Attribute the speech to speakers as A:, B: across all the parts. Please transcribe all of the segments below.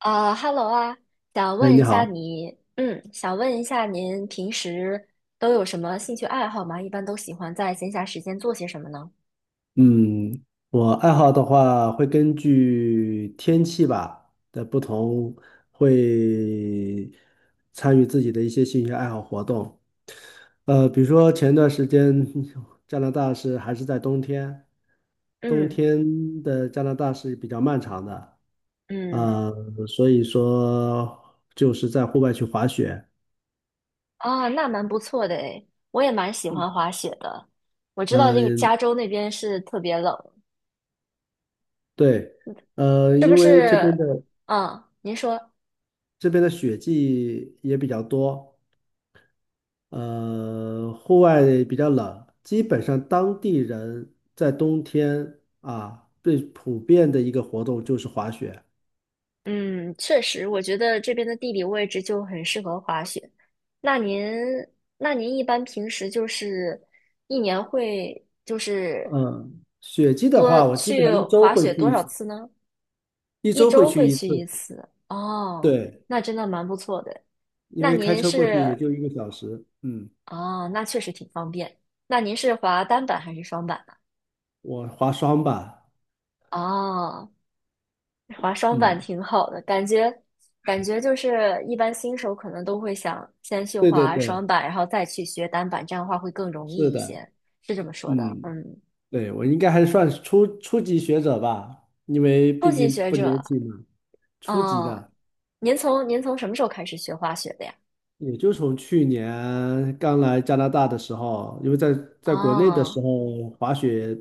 A: Hello 啊，
B: 哎，你好。
A: 想问一下您平时都有什么兴趣爱好吗？一般都喜欢在闲暇时间做些什么呢？
B: 嗯，我爱好的话会根据天气吧的不同，会参与自己的一些兴趣爱好活动。比如说前段时间加拿大是还是在冬天，冬
A: 嗯
B: 天的加拿大是比较漫长的。
A: 嗯，
B: 呃，所以说就是在户外去滑雪。
A: 啊，那蛮不错的诶，我也蛮喜欢滑雪的。我知道这个
B: 嗯，
A: 加州那边是特别冷，
B: 对。
A: 是不
B: 因为这边
A: 是？
B: 的
A: 嗯，您说，
B: 雪季也比较多，户外比较冷，基本上当地人在冬天啊，最普遍的一个活动就是滑雪。
A: 嗯，确实，我觉得这边的地理位置就很适合滑雪。那您，那您一般平时就是一年会就是
B: 嗯，雪季的
A: 多
B: 话，我基本
A: 去
B: 上一周
A: 滑
B: 会
A: 雪
B: 去
A: 多
B: 一
A: 少
B: 次，
A: 次呢？
B: 一
A: 一
B: 周会
A: 周
B: 去
A: 会
B: 一
A: 去一
B: 次。
A: 次。哦，
B: 对，
A: 那真的蛮不错的。
B: 因
A: 那
B: 为开
A: 您
B: 车过去也
A: 是，
B: 就一个小时。嗯，
A: 哦，那确实挺方便。那您是滑单板还是双板呢？
B: 我滑双吧。
A: 哦，滑双板
B: 嗯，
A: 挺好的，感觉就是一般新手可能都会想先去
B: 对对
A: 滑
B: 对，
A: 双板，然后再去学单板，这样的话会更容
B: 是
A: 易一
B: 的。
A: 些，是这么说的。
B: 嗯，
A: 嗯，
B: 对，我应该还算是初级学者吧，因为
A: 初
B: 毕
A: 级
B: 竟
A: 学
B: 不年
A: 者，
B: 轻嘛，初级
A: 哦，
B: 的。
A: 您从什么时候开始学滑雪的呀？
B: 也就从去年刚来加拿大的时候，因为在国内的
A: 哦。
B: 时候滑雪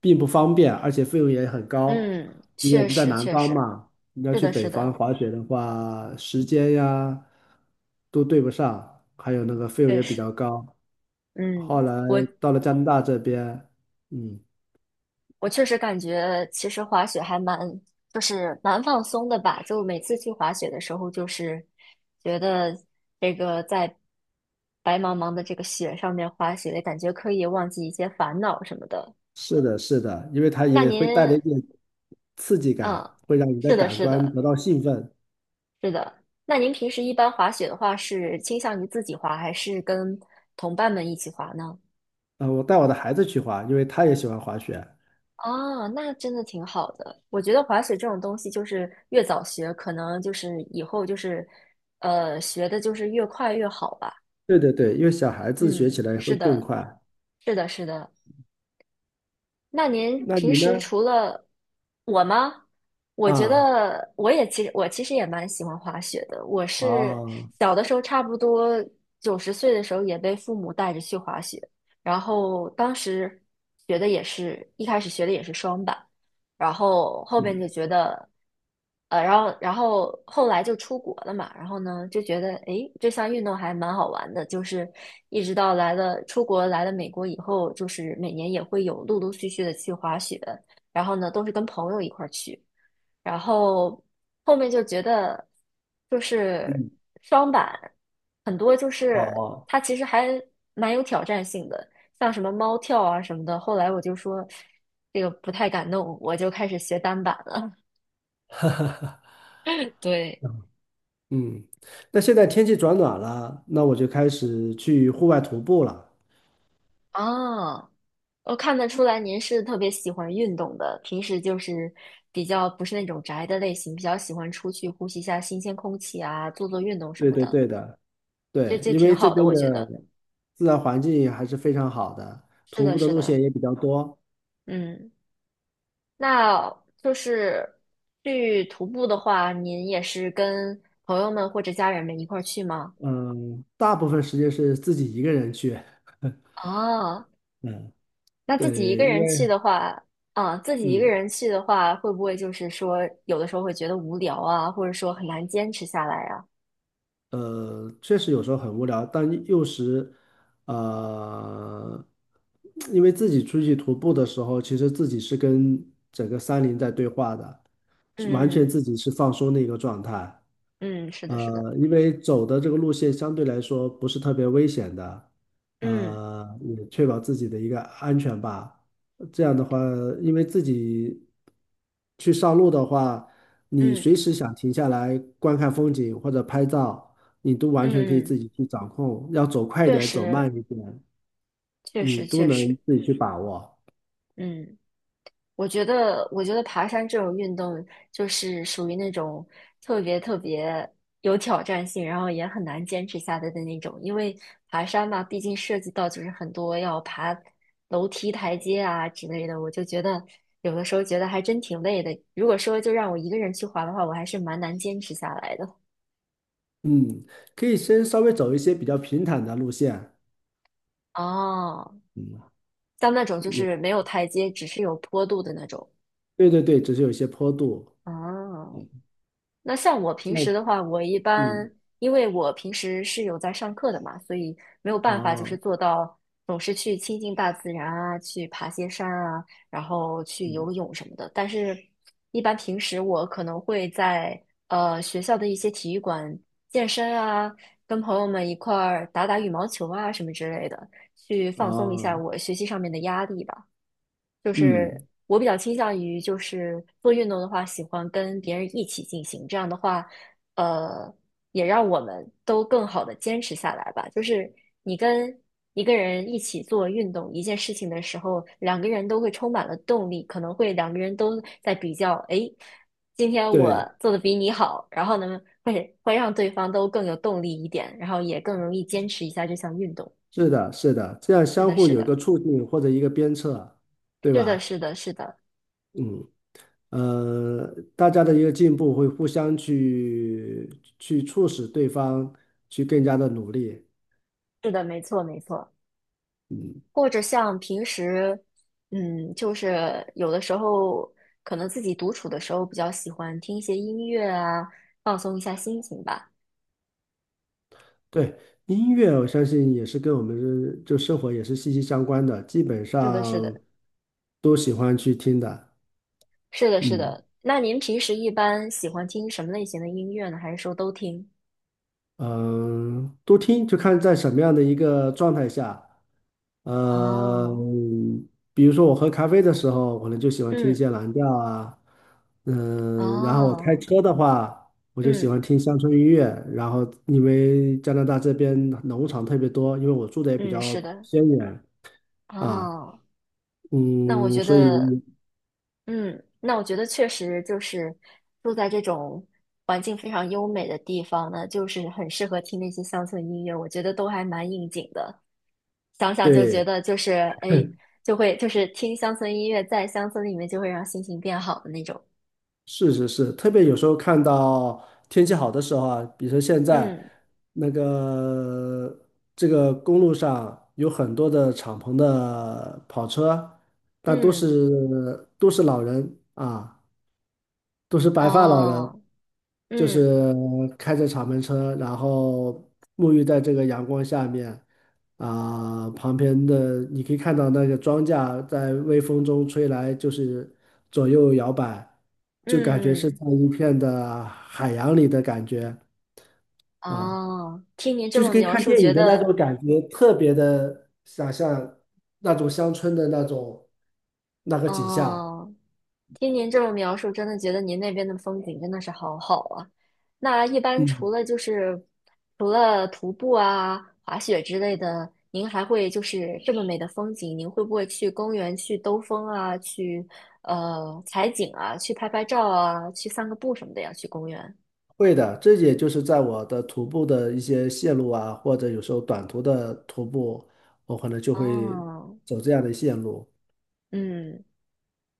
B: 并不方便，而且费用也很高。
A: 嗯，
B: 因为我
A: 确
B: 们在
A: 实，
B: 南
A: 确
B: 方
A: 实，
B: 嘛，你要
A: 是
B: 去
A: 的，
B: 北
A: 是
B: 方
A: 的，
B: 滑雪的话，时间呀都对不上，还有那个费用
A: 确
B: 也比
A: 实，
B: 较高。
A: 嗯，
B: 后来
A: 我
B: 到了加拿大这边。嗯，
A: 我确实感觉，其实滑雪还蛮，就是蛮放松的吧。就每次去滑雪的时候，就是觉得这个在白茫茫的这个雪上面滑雪，感觉可以忘记一些烦恼什么的。
B: 是的，是的，因为它
A: 那
B: 也
A: 您，
B: 会带来一点刺激感，
A: 嗯，
B: 会让你的
A: 是的，
B: 感
A: 是
B: 官
A: 的，
B: 得到兴奋。
A: 是的。那您平时一般滑雪的话，是倾向于自己滑，还是跟同伴们一起滑呢？
B: 我带我的孩子去滑，因为他也喜欢滑雪。
A: 哦，那真的挺好的。我觉得滑雪这种东西，就是越早学，可能就是以后就是，学的就是越快越好吧。
B: 对对对，因为小孩子学
A: 嗯，
B: 起来会
A: 是
B: 更
A: 的，
B: 快。
A: 是的，是的。那您
B: 那
A: 平
B: 你
A: 时
B: 呢？
A: 除了我吗？我觉
B: 啊，
A: 得我也其实我其实也蛮喜欢滑雪的。我是
B: 哦，
A: 小的时候，差不多九十岁的时候也被父母带着去滑雪，然后当时学的也是一开始学的也是双板。然后后边就
B: 嗯
A: 觉得，然后后来就出国了嘛，然后呢就觉得，诶，这项运动还蛮好玩的，就是一直到来了出国来了美国以后，就是每年也会有陆陆续续的去滑雪，然后呢都是跟朋友一块儿去。然后后面就觉得就是
B: 嗯，
A: 双板很多就是
B: 哦，
A: 它其实还蛮有挑战性的，像什么猫跳啊什么的。后来我就说这个不太敢弄，我就开始学单板了。对，
B: 嗯，那现在天气转暖了，那我就开始去户外徒步了。
A: 啊，我看得出来您是特别喜欢运动的，平时就是比较不是那种宅的类型，比较喜欢出去呼吸一下新鲜空气啊，做做运动什
B: 对
A: 么
B: 对
A: 的，
B: 对的，
A: 这
B: 对，
A: 这
B: 因
A: 挺
B: 为这
A: 好的，
B: 边
A: 我
B: 的
A: 觉得。
B: 自然环境还是非常好的，
A: 是
B: 徒
A: 的，
B: 步的
A: 是
B: 路线
A: 的，
B: 也比较多。
A: 嗯。那就是去徒步的话，您也是跟朋友们或者家人们一块儿去吗？
B: 嗯，大部分时间是自己一个人去。
A: 啊，
B: 嗯，
A: 那自己一
B: 对，
A: 个
B: 因
A: 人去
B: 为
A: 的话，啊，自己一个
B: 嗯。
A: 人去的话，会不会就是说有的时候会觉得无聊啊，或者说很难坚持下来呀？
B: 确实有时候很无聊，但又时，呃，因为自己出去徒步的时候，其实自己是跟整个山林在对话的，是完全
A: 嗯
B: 自己是放松的一个状态。
A: 嗯，是的，是的，
B: 因为走的这个路线相对来说不是特别危险的，
A: 嗯
B: 也确保自己的一个安全吧。这样的话，因为自己去上路的话，你
A: 嗯
B: 随时想停下来观看风景或者拍照，你都完
A: 嗯
B: 全可以自
A: 嗯，
B: 己去掌控，要走快一
A: 确
B: 点，走
A: 实
B: 慢一点，
A: 确
B: 你
A: 实
B: 都
A: 确
B: 能
A: 实，
B: 自己去把握。
A: 嗯。我觉得，我觉得爬山这种运动就是属于那种特别特别有挑战性，然后也很难坚持下来的那种。因为爬山嘛，毕竟涉及到就是很多要爬楼梯、台阶啊之类的，我就觉得有的时候觉得还真挺累的。如果说就让我一个人去滑的话，我还是蛮难坚持下来的。
B: 嗯，可以先稍微走一些比较平坦的路线。
A: 哦，
B: 嗯，
A: 像那种就
B: 有，
A: 是没有台阶，只是有坡度的那种。
B: 对对对，只是有一些坡度。
A: 哦，
B: 嗯，
A: 那像我平
B: 这样，
A: 时的话，我一般
B: 嗯。
A: 因为我平时是有在上课的嘛，所以没有办法就是
B: 哦，
A: 做到总是去亲近大自然啊，去爬些山啊，然后去
B: 嗯，
A: 游泳什么的。但是，一般平时我可能会在学校的一些体育馆健身啊，跟朋友们一块儿打打羽毛球啊什么之类的，去放松一下
B: 哦，
A: 我学习上面的压力吧。就是
B: 嗯，
A: 我比较倾向于，就是做运动的话，喜欢跟别人一起进行。这样的话，呃，也让我们都更好的坚持下来吧。就是你跟一个人一起做运动一件事情的时候，两个人都会充满了动力，可能会两个人都在比较，诶，今天我
B: 对，
A: 做的比你好，然后呢，会让对方都更有动力一点，然后也更容易坚持一下这项运动。
B: 是的，是的，这样
A: 是
B: 相
A: 的，
B: 互
A: 是
B: 有一个
A: 的，
B: 促进或者一个鞭策，对
A: 是的，
B: 吧？
A: 是的，是的，
B: 嗯，大家的一个进步会互相去促使对方去更加的努力。
A: 是的，没错，没错。
B: 嗯，
A: 或者像平时，嗯，就是有的时候可能自己独处的时候比较喜欢听一些音乐啊，放松一下心情吧。
B: 对，音乐我相信也是跟我们的就生活也是息息相关的，基本
A: 是的，是
B: 上
A: 的，
B: 都喜欢去听的。
A: 是的，是
B: 嗯
A: 的。那您平时一般喜欢听什么类型的音乐呢？还是说都听？
B: 嗯，呃多听就看在什么样的一个状态下。呃，
A: 哦，
B: 比如说我喝咖啡的时候，我可能就喜欢听一
A: 嗯，
B: 些蓝调啊。嗯，然后我开
A: 哦，
B: 车的话，我就喜
A: 嗯
B: 欢听乡村音乐。然后因为加拿大这边农场特别多，因为我住的也比
A: 嗯，
B: 较
A: 是的，
B: 偏远啊。
A: 哦。那我
B: 嗯，
A: 觉
B: 所以
A: 得，嗯，那我觉得确实就是住在这种环境非常优美的地方呢，就是很适合听那些乡村音乐，我觉得都还蛮应景的。想想就觉
B: 对
A: 得就是哎，就会就是听乡村音乐，在乡村里面就会让心情变好的那种。
B: 是是是，特别有时候看到天气好的时候啊，比如说现在
A: 嗯
B: 那个这个公路上有很多的敞篷的跑车，但都
A: 嗯，
B: 是都是老人啊，都是白发老人，
A: 哦，
B: 就
A: 嗯
B: 是开着敞篷车，然后沐浴在这个阳光下面，啊、旁边的你可以看到那个庄稼在微风中吹来，就是左右摇摆，就感觉是在
A: 嗯
B: 一片的海洋里的感觉啊，
A: 哦，听您这
B: 就是
A: 么
B: 跟
A: 描
B: 看
A: 述，
B: 电
A: 觉
B: 影的那种
A: 得
B: 感觉，特别的想象那种乡村的那种那个景象。
A: 哦，听您这么描述，真的觉得您那边的风景真的是好好啊。那一般除
B: 嗯。
A: 了就是除了徒步啊、滑雪之类的，您还会就是这么美的风景，您会不会去公园去兜风啊，去采景啊，去拍拍照啊，去散个步什么的呀？去公园。
B: 会的，这也就是在我的徒步的一些线路啊，或者有时候短途的徒步，我可能就会
A: 哦，
B: 走这样的线路。
A: 嗯。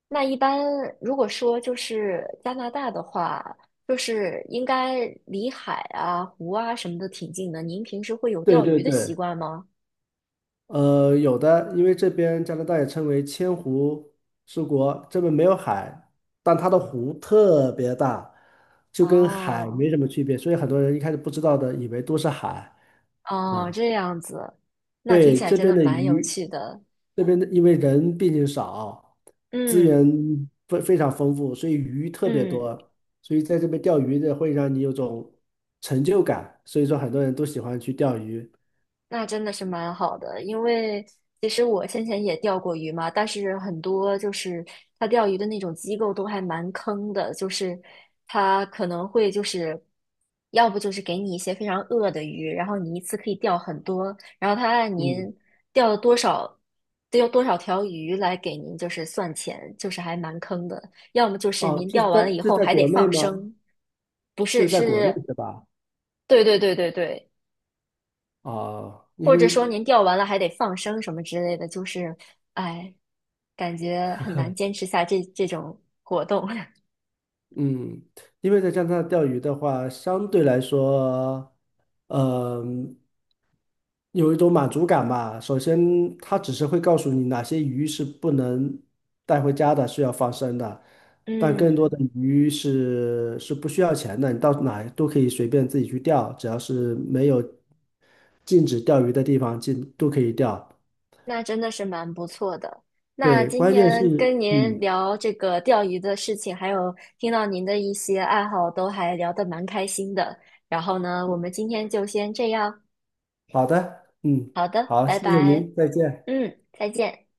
A: 那一般如果说就是加拿大的话，就是应该离海啊、湖啊什么的挺近的。您平时会有
B: 对
A: 钓
B: 对
A: 鱼的习
B: 对，
A: 惯吗？
B: 有的，因为这边加拿大也称为千湖之国，这边没有海，但它的湖特别大，就跟海
A: 哦
B: 没什么区别，所以很多人一开始不知道的，以为都是海
A: 哦，
B: 啊。
A: 这样子，那听
B: 对，
A: 起来
B: 这
A: 真的
B: 边的
A: 蛮有
B: 鱼，
A: 趣的。
B: 这边的因为人毕竟少，资
A: 嗯
B: 源非常丰富，所以鱼特别
A: 嗯。
B: 多，所以在这边钓鱼的会让你有种成就感，所以说很多人都喜欢去钓鱼。
A: 那真的是蛮好的，因为其实我先前也钓过鱼嘛，但是很多就是他钓鱼的那种机构都还蛮坑的，就是他可能会就是要不就是给你一些非常恶的鱼，然后你一次可以钓很多，然后他按
B: 嗯，
A: 您钓了多少，钓多少条鱼来给您就是算钱，就是还蛮坑的。要么就是
B: 哦，
A: 您钓完了以
B: 这是
A: 后
B: 在
A: 还得
B: 国内
A: 放
B: 吗？
A: 生，不
B: 这
A: 是，
B: 是在国内
A: 是，
B: 是吧？
A: 对对对对对。
B: 啊、因
A: 或者
B: 为
A: 说您钓完了还得放生什么之类的，就是，哎，感觉很难坚持下这种活动。
B: 嗯，因为在加拿大钓鱼的话，相对来说，嗯、有一种满足感吧。首先，它只是会告诉你哪些鱼是不能带回家的，是要放生的，但更多
A: 嗯，
B: 的鱼是不需要钱的，你到哪都可以随便自己去钓，只要是没有禁止钓鱼的地方，禁都可以钓。
A: 那真的是蛮不错的。那
B: 对，
A: 今
B: 关键
A: 天跟
B: 是，
A: 您
B: 嗯，
A: 聊这个钓鱼的事情，还有听到您的一些爱好，都还聊得蛮开心的。然后呢，我们今天就先这样。
B: 好的，嗯，
A: 好的，
B: 好，
A: 拜
B: 谢谢
A: 拜。
B: 您，再见。
A: 嗯，再见。